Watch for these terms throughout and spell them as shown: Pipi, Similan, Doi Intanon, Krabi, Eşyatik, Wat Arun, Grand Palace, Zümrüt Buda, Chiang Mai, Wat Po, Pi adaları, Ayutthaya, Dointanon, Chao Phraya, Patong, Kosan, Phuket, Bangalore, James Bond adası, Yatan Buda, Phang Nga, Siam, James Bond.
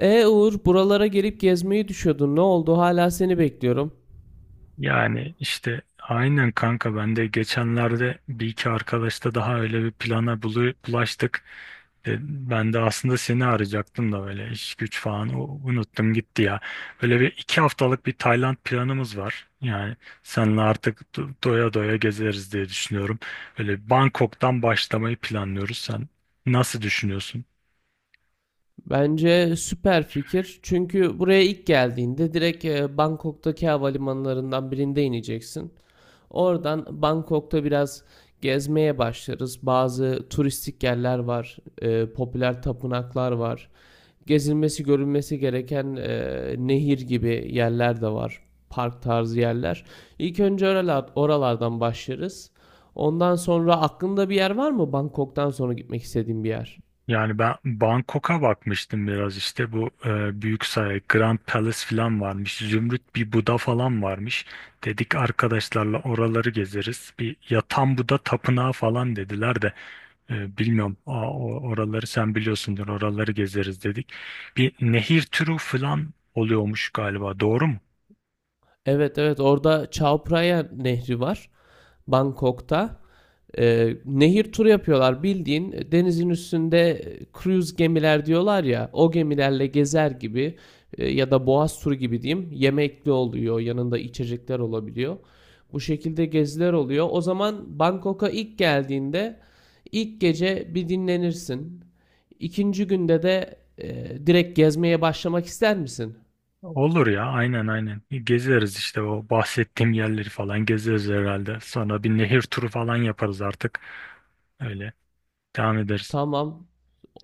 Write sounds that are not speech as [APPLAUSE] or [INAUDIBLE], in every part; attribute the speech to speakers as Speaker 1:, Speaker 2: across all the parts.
Speaker 1: E Uğur, buralara gelip gezmeyi düşüyordun. Ne oldu? Hala seni bekliyorum.
Speaker 2: Yani işte aynen kanka ben de geçenlerde bir iki arkadaşla daha öyle bir plana bulaştık. E, Ben de aslında seni arayacaktım da böyle iş güç falan unuttum gitti ya. Böyle bir iki haftalık bir Tayland planımız var. Yani seninle artık doya doya gezeriz diye düşünüyorum. Böyle Bangkok'tan başlamayı planlıyoruz. Sen nasıl düşünüyorsun?
Speaker 1: Bence süper fikir. Çünkü buraya ilk geldiğinde direkt Bangkok'taki havalimanlarından birinde ineceksin. Oradan Bangkok'ta biraz gezmeye başlarız. Bazı turistik yerler var, popüler tapınaklar var. Gezilmesi, görülmesi gereken nehir gibi yerler de var. Park tarzı yerler. İlk önce oralardan başlarız. Ondan sonra aklında bir yer var mı Bangkok'tan sonra gitmek istediğim bir yer?
Speaker 2: Yani ben Bangkok'a bakmıştım biraz işte bu büyük saray Grand Palace falan varmış. Zümrüt bir Buda falan varmış. Dedik arkadaşlarla oraları gezeriz. Bir Yatan Buda tapınağı falan dediler de. Bilmiyorum, oraları sen biliyorsundur, oraları gezeriz dedik. Bir nehir turu falan oluyormuş galiba, doğru mu?
Speaker 1: Evet evet, orada Chao Phraya Nehri var. Bangkok'ta. Nehir turu yapıyorlar bildiğin, denizin üstünde cruise gemiler diyorlar ya, o gemilerle gezer gibi, ya da boğaz turu gibi diyeyim, yemekli oluyor, yanında içecekler olabiliyor. Bu şekilde geziler oluyor. O zaman Bangkok'a ilk geldiğinde ilk gece bir dinlenirsin. İkinci günde de direkt gezmeye başlamak ister misin?
Speaker 2: Olur ya, aynen aynen gezeriz işte, o bahsettiğim yerleri falan gezeriz herhalde. Sonra bir nehir turu falan yaparız artık, öyle devam ederiz.
Speaker 1: Tamam.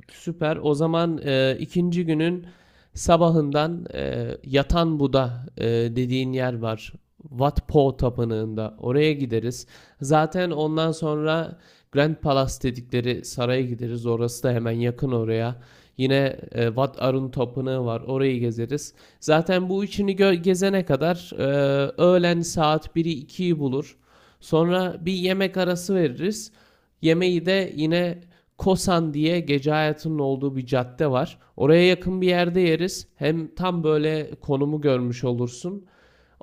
Speaker 1: Süper. O zaman ikinci günün sabahından Yatan Buda dediğin yer var. Wat Po Tapınağı'nda. Oraya gideriz. Zaten ondan sonra Grand Palace dedikleri saraya gideriz. Orası da hemen yakın oraya. Yine Wat Arun Tapınağı var. Orayı gezeriz. Zaten bu üçünü gezene kadar öğlen saat biri ikiyi bulur. Sonra bir yemek arası veririz. Yemeği de yine Kosan diye gece hayatının olduğu bir cadde var. Oraya yakın bir yerde yeriz. Hem tam böyle konumu görmüş olursun.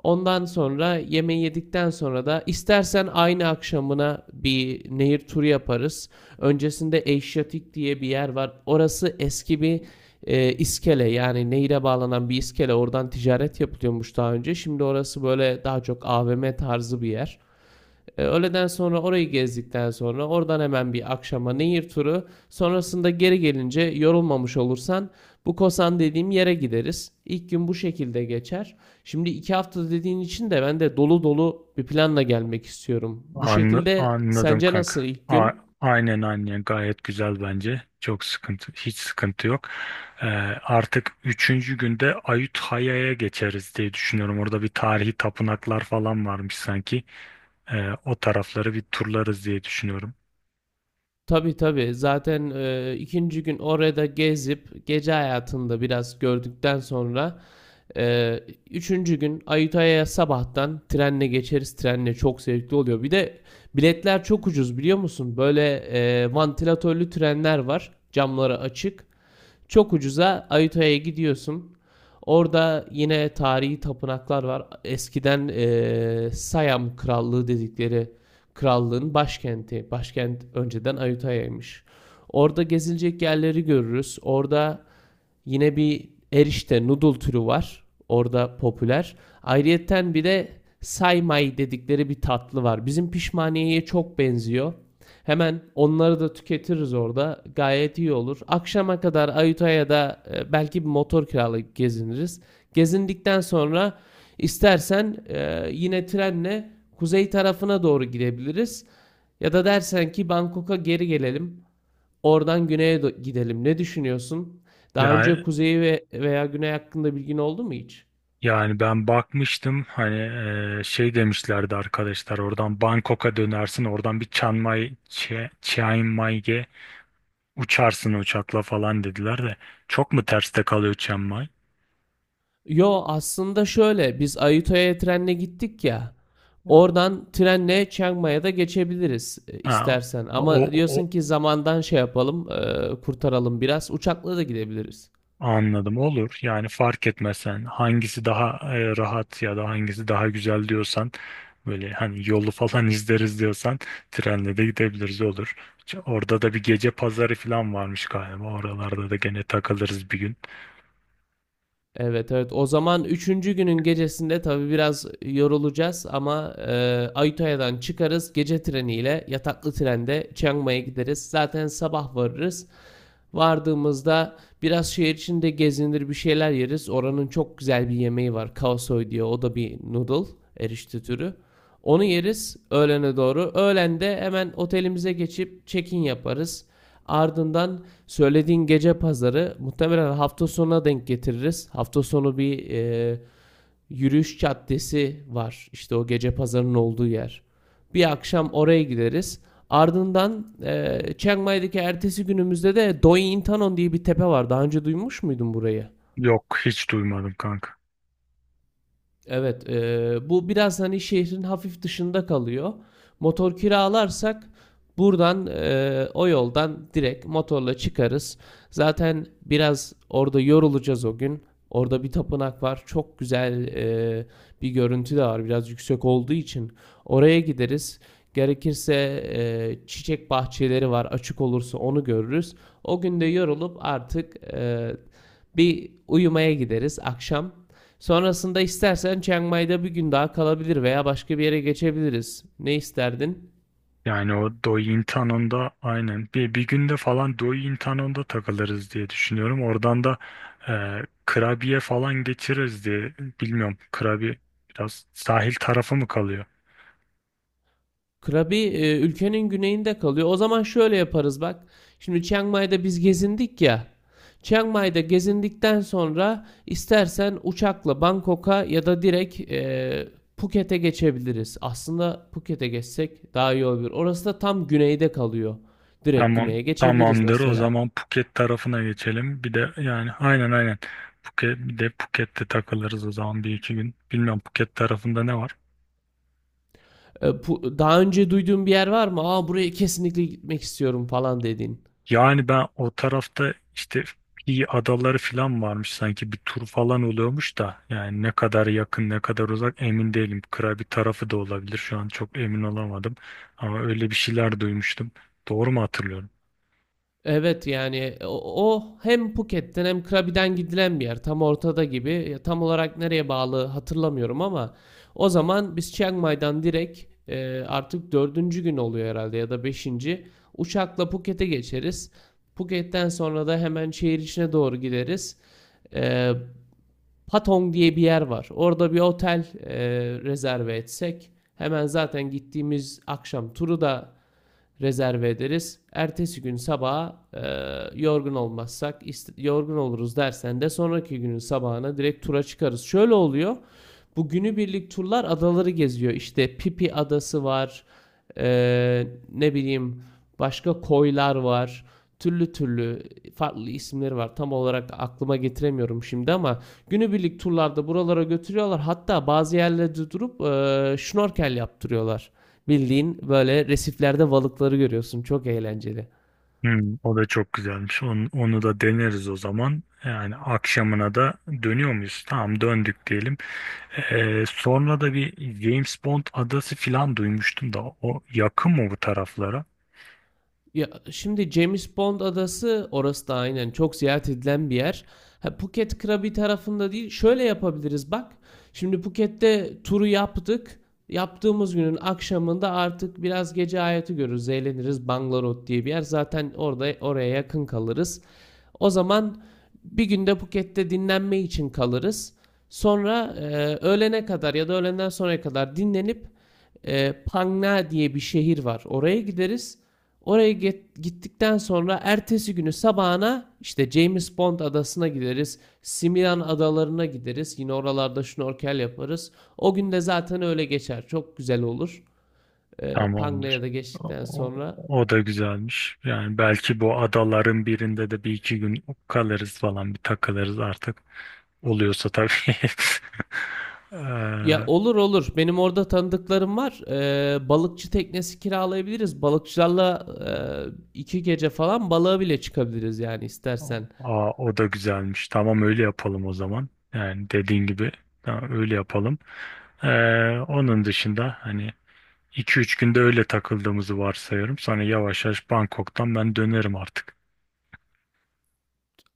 Speaker 1: Ondan sonra yemeği yedikten sonra da istersen aynı akşamına bir nehir turu yaparız. Öncesinde Eşyatik diye bir yer var. Orası eski bir, iskele, yani nehire bağlanan bir iskele. Oradan ticaret yapılıyormuş daha önce. Şimdi orası böyle daha çok AVM tarzı bir yer. Öğleden sonra orayı gezdikten sonra oradan hemen bir akşama nehir turu. Sonrasında geri gelince yorulmamış olursan bu Kosan dediğim yere gideriz. İlk gün bu şekilde geçer. Şimdi 2 hafta dediğin için de ben de dolu dolu bir planla gelmek istiyorum. Bu şekilde
Speaker 2: Anladım
Speaker 1: sence
Speaker 2: kanka.
Speaker 1: nasıl ilk
Speaker 2: A-
Speaker 1: gün?
Speaker 2: aynen aynen, gayet güzel bence. Çok sıkıntı, hiç sıkıntı yok. Ee, Artık üçüncü günde Ayutthaya'ya geçeriz diye düşünüyorum. Orada bir tarihi tapınaklar falan varmış sanki. O tarafları bir turlarız diye düşünüyorum.
Speaker 1: Tabii tabii, zaten ikinci gün orada gezip gece hayatında biraz gördükten sonra Ee, üçüncü gün Ayutthaya'ya sabahtan trenle geçeriz. Trenle çok zevkli oluyor. Bir de biletler çok ucuz, biliyor musun? Böyle vantilatörlü trenler var. Camları açık. Çok ucuza Ayutthaya'ya gidiyorsun. Orada yine tarihi tapınaklar var. Eskiden Siam Krallığı dedikleri krallığın başkenti. Başkent önceden Ayutthaya'ymış. Orada gezilecek yerleri görürüz. Orada yine bir erişte noodle türü var. Orada popüler. Ayrıyeten bir de saymay dedikleri bir tatlı var. Bizim pişmaniyeye çok benziyor. Hemen onları da tüketiriz orada. Gayet iyi olur. Akşama kadar Ayutthaya da belki bir motor kiralayıp geziniriz. Gezindikten sonra istersen yine trenle kuzey tarafına doğru gidebiliriz. Ya da dersen ki Bangkok'a geri gelelim. Oradan güneye gidelim. Ne düşünüyorsun? Daha
Speaker 2: Ya,
Speaker 1: önce kuzeyi ve veya güney hakkında bilgin oldu mu hiç?
Speaker 2: yani ben bakmıştım hani, şey demişlerdi arkadaşlar, oradan Bangkok'a dönersin, oradan bir Chiang Mai, Chiang Mai'ye uçarsın uçakla falan dediler de, çok mu terste kalıyor Chiang Mai?
Speaker 1: Yo, aslında şöyle, biz Ayutthaya trenle gittik ya. Oradan trenle Chiang Mai'ye da geçebiliriz
Speaker 2: Ha,
Speaker 1: istersen.
Speaker 2: o,
Speaker 1: Ama
Speaker 2: o
Speaker 1: diyorsun ki zamandan şey yapalım, kurtaralım biraz. Uçakla da gidebiliriz.
Speaker 2: anladım, olur yani. Fark etmesen, hangisi daha rahat ya da hangisi daha güzel diyorsan, böyle hani yolu falan [LAUGHS] izleriz diyorsan, trenle de gidebiliriz, olur. Orada da bir gece pazarı falan varmış galiba, oralarda da gene takılırız bir gün.
Speaker 1: Evet evet, o zaman üçüncü günün gecesinde tabii biraz yorulacağız ama Ayutthaya'dan çıkarız, gece treniyle yataklı trende Chiang Mai'ye gideriz. Zaten sabah varırız. Vardığımızda biraz şehir içinde gezinir, bir şeyler yeriz. Oranın çok güzel bir yemeği var. Kaosoy diye, o da bir noodle erişte türü. Onu yeriz öğlene doğru. Öğlende hemen otelimize geçip check-in yaparız. Ardından söylediğin gece pazarı muhtemelen hafta sonuna denk getiririz. Hafta sonu bir, yürüyüş caddesi var. İşte o gece pazarının olduğu yer. Bir akşam oraya gideriz. Ardından Chiang Mai'deki ertesi günümüzde de Doi Intanon diye bir tepe var. Daha önce duymuş muydun burayı?
Speaker 2: Yok, hiç duymadım kanka.
Speaker 1: Evet, bu biraz hani şehrin hafif dışında kalıyor. Motor kiralarsak buradan o yoldan direkt motorla çıkarız. Zaten biraz orada yorulacağız o gün. Orada bir tapınak var. Çok güzel bir görüntü de var. Biraz yüksek olduğu için oraya gideriz. Gerekirse çiçek bahçeleri var. Açık olursa onu görürüz. O gün de yorulup artık bir uyumaya gideriz akşam. Sonrasında istersen Chiang Mai'de bir gün daha kalabilir veya başka bir yere geçebiliriz. Ne isterdin?
Speaker 2: Yani o Dointanon'da da aynen bir günde falan Dointanon'da takılırız diye düşünüyorum. Oradan da Krabiye falan geçiririz diye, bilmiyorum. Krabi biraz sahil tarafı mı kalıyor?
Speaker 1: Krabi ülkenin güneyinde kalıyor. O zaman şöyle yaparız bak. Şimdi Chiang Mai'de biz gezindik ya. Chiang Mai'de gezindikten sonra istersen uçakla Bangkok'a ya da direkt Phuket'e geçebiliriz. Aslında Phuket'e geçsek daha iyi olur. Orası da tam güneyde kalıyor. Direkt
Speaker 2: Tamam.
Speaker 1: güneye geçebiliriz
Speaker 2: Tamamdır. O
Speaker 1: mesela.
Speaker 2: zaman Phuket tarafına geçelim. Bir de yani aynen aynen. Phuket, bir de Phuket'te takılırız o zaman bir iki gün. Bilmiyorum, Phuket tarafında ne var?
Speaker 1: E, Daha önce duyduğun bir yer var mı? Aa, buraya kesinlikle gitmek istiyorum falan dediğin.
Speaker 2: Yani ben o tarafta işte Pi adaları falan varmış sanki, bir tur falan oluyormuş da, yani ne kadar yakın ne kadar uzak emin değilim. Krabi tarafı da olabilir, şu an çok emin olamadım, ama öyle bir şeyler duymuştum. Doğru mu hatırlıyorum?
Speaker 1: Evet yani, o hem Phuket'ten hem Krabi'den gidilen bir yer. Tam ortada gibi. Ya, tam olarak nereye bağlı hatırlamıyorum ama o zaman biz Chiang Mai'dan direkt, artık dördüncü gün oluyor herhalde ya da beşinci. Uçakla Phuket'e geçeriz. Phuket'ten sonra da hemen şehir içine doğru gideriz. E, Patong diye bir yer var. Orada bir otel rezerve etsek, hemen zaten gittiğimiz akşam turu da rezerve ederiz. Ertesi gün sabaha yorgun olmazsak, yorgun oluruz dersen de sonraki günün sabahına direkt tura çıkarız. Şöyle oluyor. Bu günübirlik turlar adaları geziyor. İşte Pipi adası var. e, Ne bileyim, başka koylar var. Türlü türlü farklı isimleri var. Tam olarak aklıma getiremiyorum şimdi ama günübirlik turlarda buralara götürüyorlar. Hatta bazı yerlerde durup şnorkel yaptırıyorlar. Bildiğin böyle resiflerde balıkları görüyorsun. Çok eğlenceli.
Speaker 2: Hmm, o da çok güzelmiş. Onu da deneriz o zaman. Yani akşamına da dönüyor muyuz? Tamam, döndük diyelim. Sonra da bir James Bond adası falan duymuştum da, o yakın mı bu taraflara?
Speaker 1: Ya, şimdi James Bond adası, orası da aynen çok ziyaret edilen bir yer. Ha, Phuket Krabi tarafında değil. Şöyle yapabiliriz bak. Şimdi Phuket'te turu yaptık. Yaptığımız günün akşamında artık biraz gece hayatı görürüz. Eğleniriz. Bangalore diye bir yer. Zaten orada, oraya yakın kalırız. O zaman bir günde Phuket'te dinlenme için kalırız. Sonra öğlene kadar ya da öğlenden sonraya kadar dinlenip Phang Nga diye bir şehir var. Oraya gideriz. Oraya gittikten sonra ertesi günü sabahına işte James Bond adasına gideriz. Similan adalarına gideriz. Yine oralarda şnorkel yaparız. O gün de zaten öyle geçer. Çok güzel olur.
Speaker 2: Tamamdır.
Speaker 1: Panga'ya da
Speaker 2: O,
Speaker 1: geçtikten
Speaker 2: o-
Speaker 1: sonra.
Speaker 2: O da güzelmiş. Yani belki bu adaların birinde de bir iki gün kalırız falan, bir takılırız artık. Oluyorsa tabii. [LAUGHS]
Speaker 1: Ya
Speaker 2: Eee,
Speaker 1: olur olur. Benim orada tanıdıklarım var. Balıkçı teknesi kiralayabiliriz. Balıkçılarla 2 gece falan balığa bile çıkabiliriz yani, istersen.
Speaker 2: Aa, o da güzelmiş. Tamam, öyle yapalım o zaman. Yani dediğin gibi tamam, öyle yapalım. Onun dışında hani, iki üç günde öyle takıldığımızı varsayıyorum. Sonra yavaş yavaş Bangkok'tan ben dönerim artık.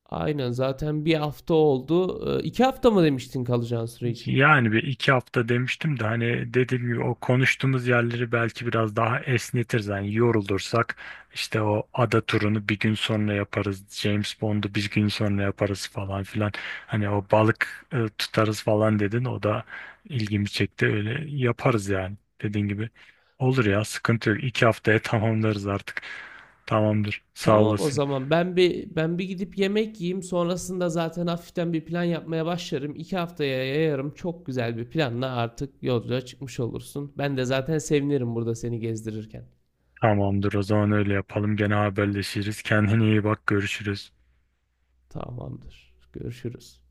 Speaker 1: Aynen, zaten bir hafta oldu. 2 hafta mı demiştin kalacağın süre için?
Speaker 2: Yani bir iki hafta demiştim de, hani dediğim gibi, o konuştuğumuz yerleri belki biraz daha esnetiriz. Yani yorulursak işte o ada turunu bir gün sonra yaparız. James Bond'u bir gün sonra yaparız falan filan. Hani o balık tutarız falan dedin. O da ilgimi çekti. Öyle yaparız yani, dediğin gibi. Olur ya, sıkıntı yok. İki haftaya [LAUGHS] tamamlarız artık. Tamamdır, sağ
Speaker 1: Tamam, o
Speaker 2: olasın.
Speaker 1: zaman ben bir gidip yemek yiyeyim, sonrasında zaten hafiften bir plan yapmaya başlarım. 2 haftaya yayarım, çok güzel bir planla artık yolculuğa çıkmış olursun. Ben de zaten sevinirim burada seni gezdirirken.
Speaker 2: Tamamdır. O zaman öyle yapalım. Gene haberleşiriz. Kendine iyi bak. Görüşürüz.
Speaker 1: Tamamdır. Görüşürüz.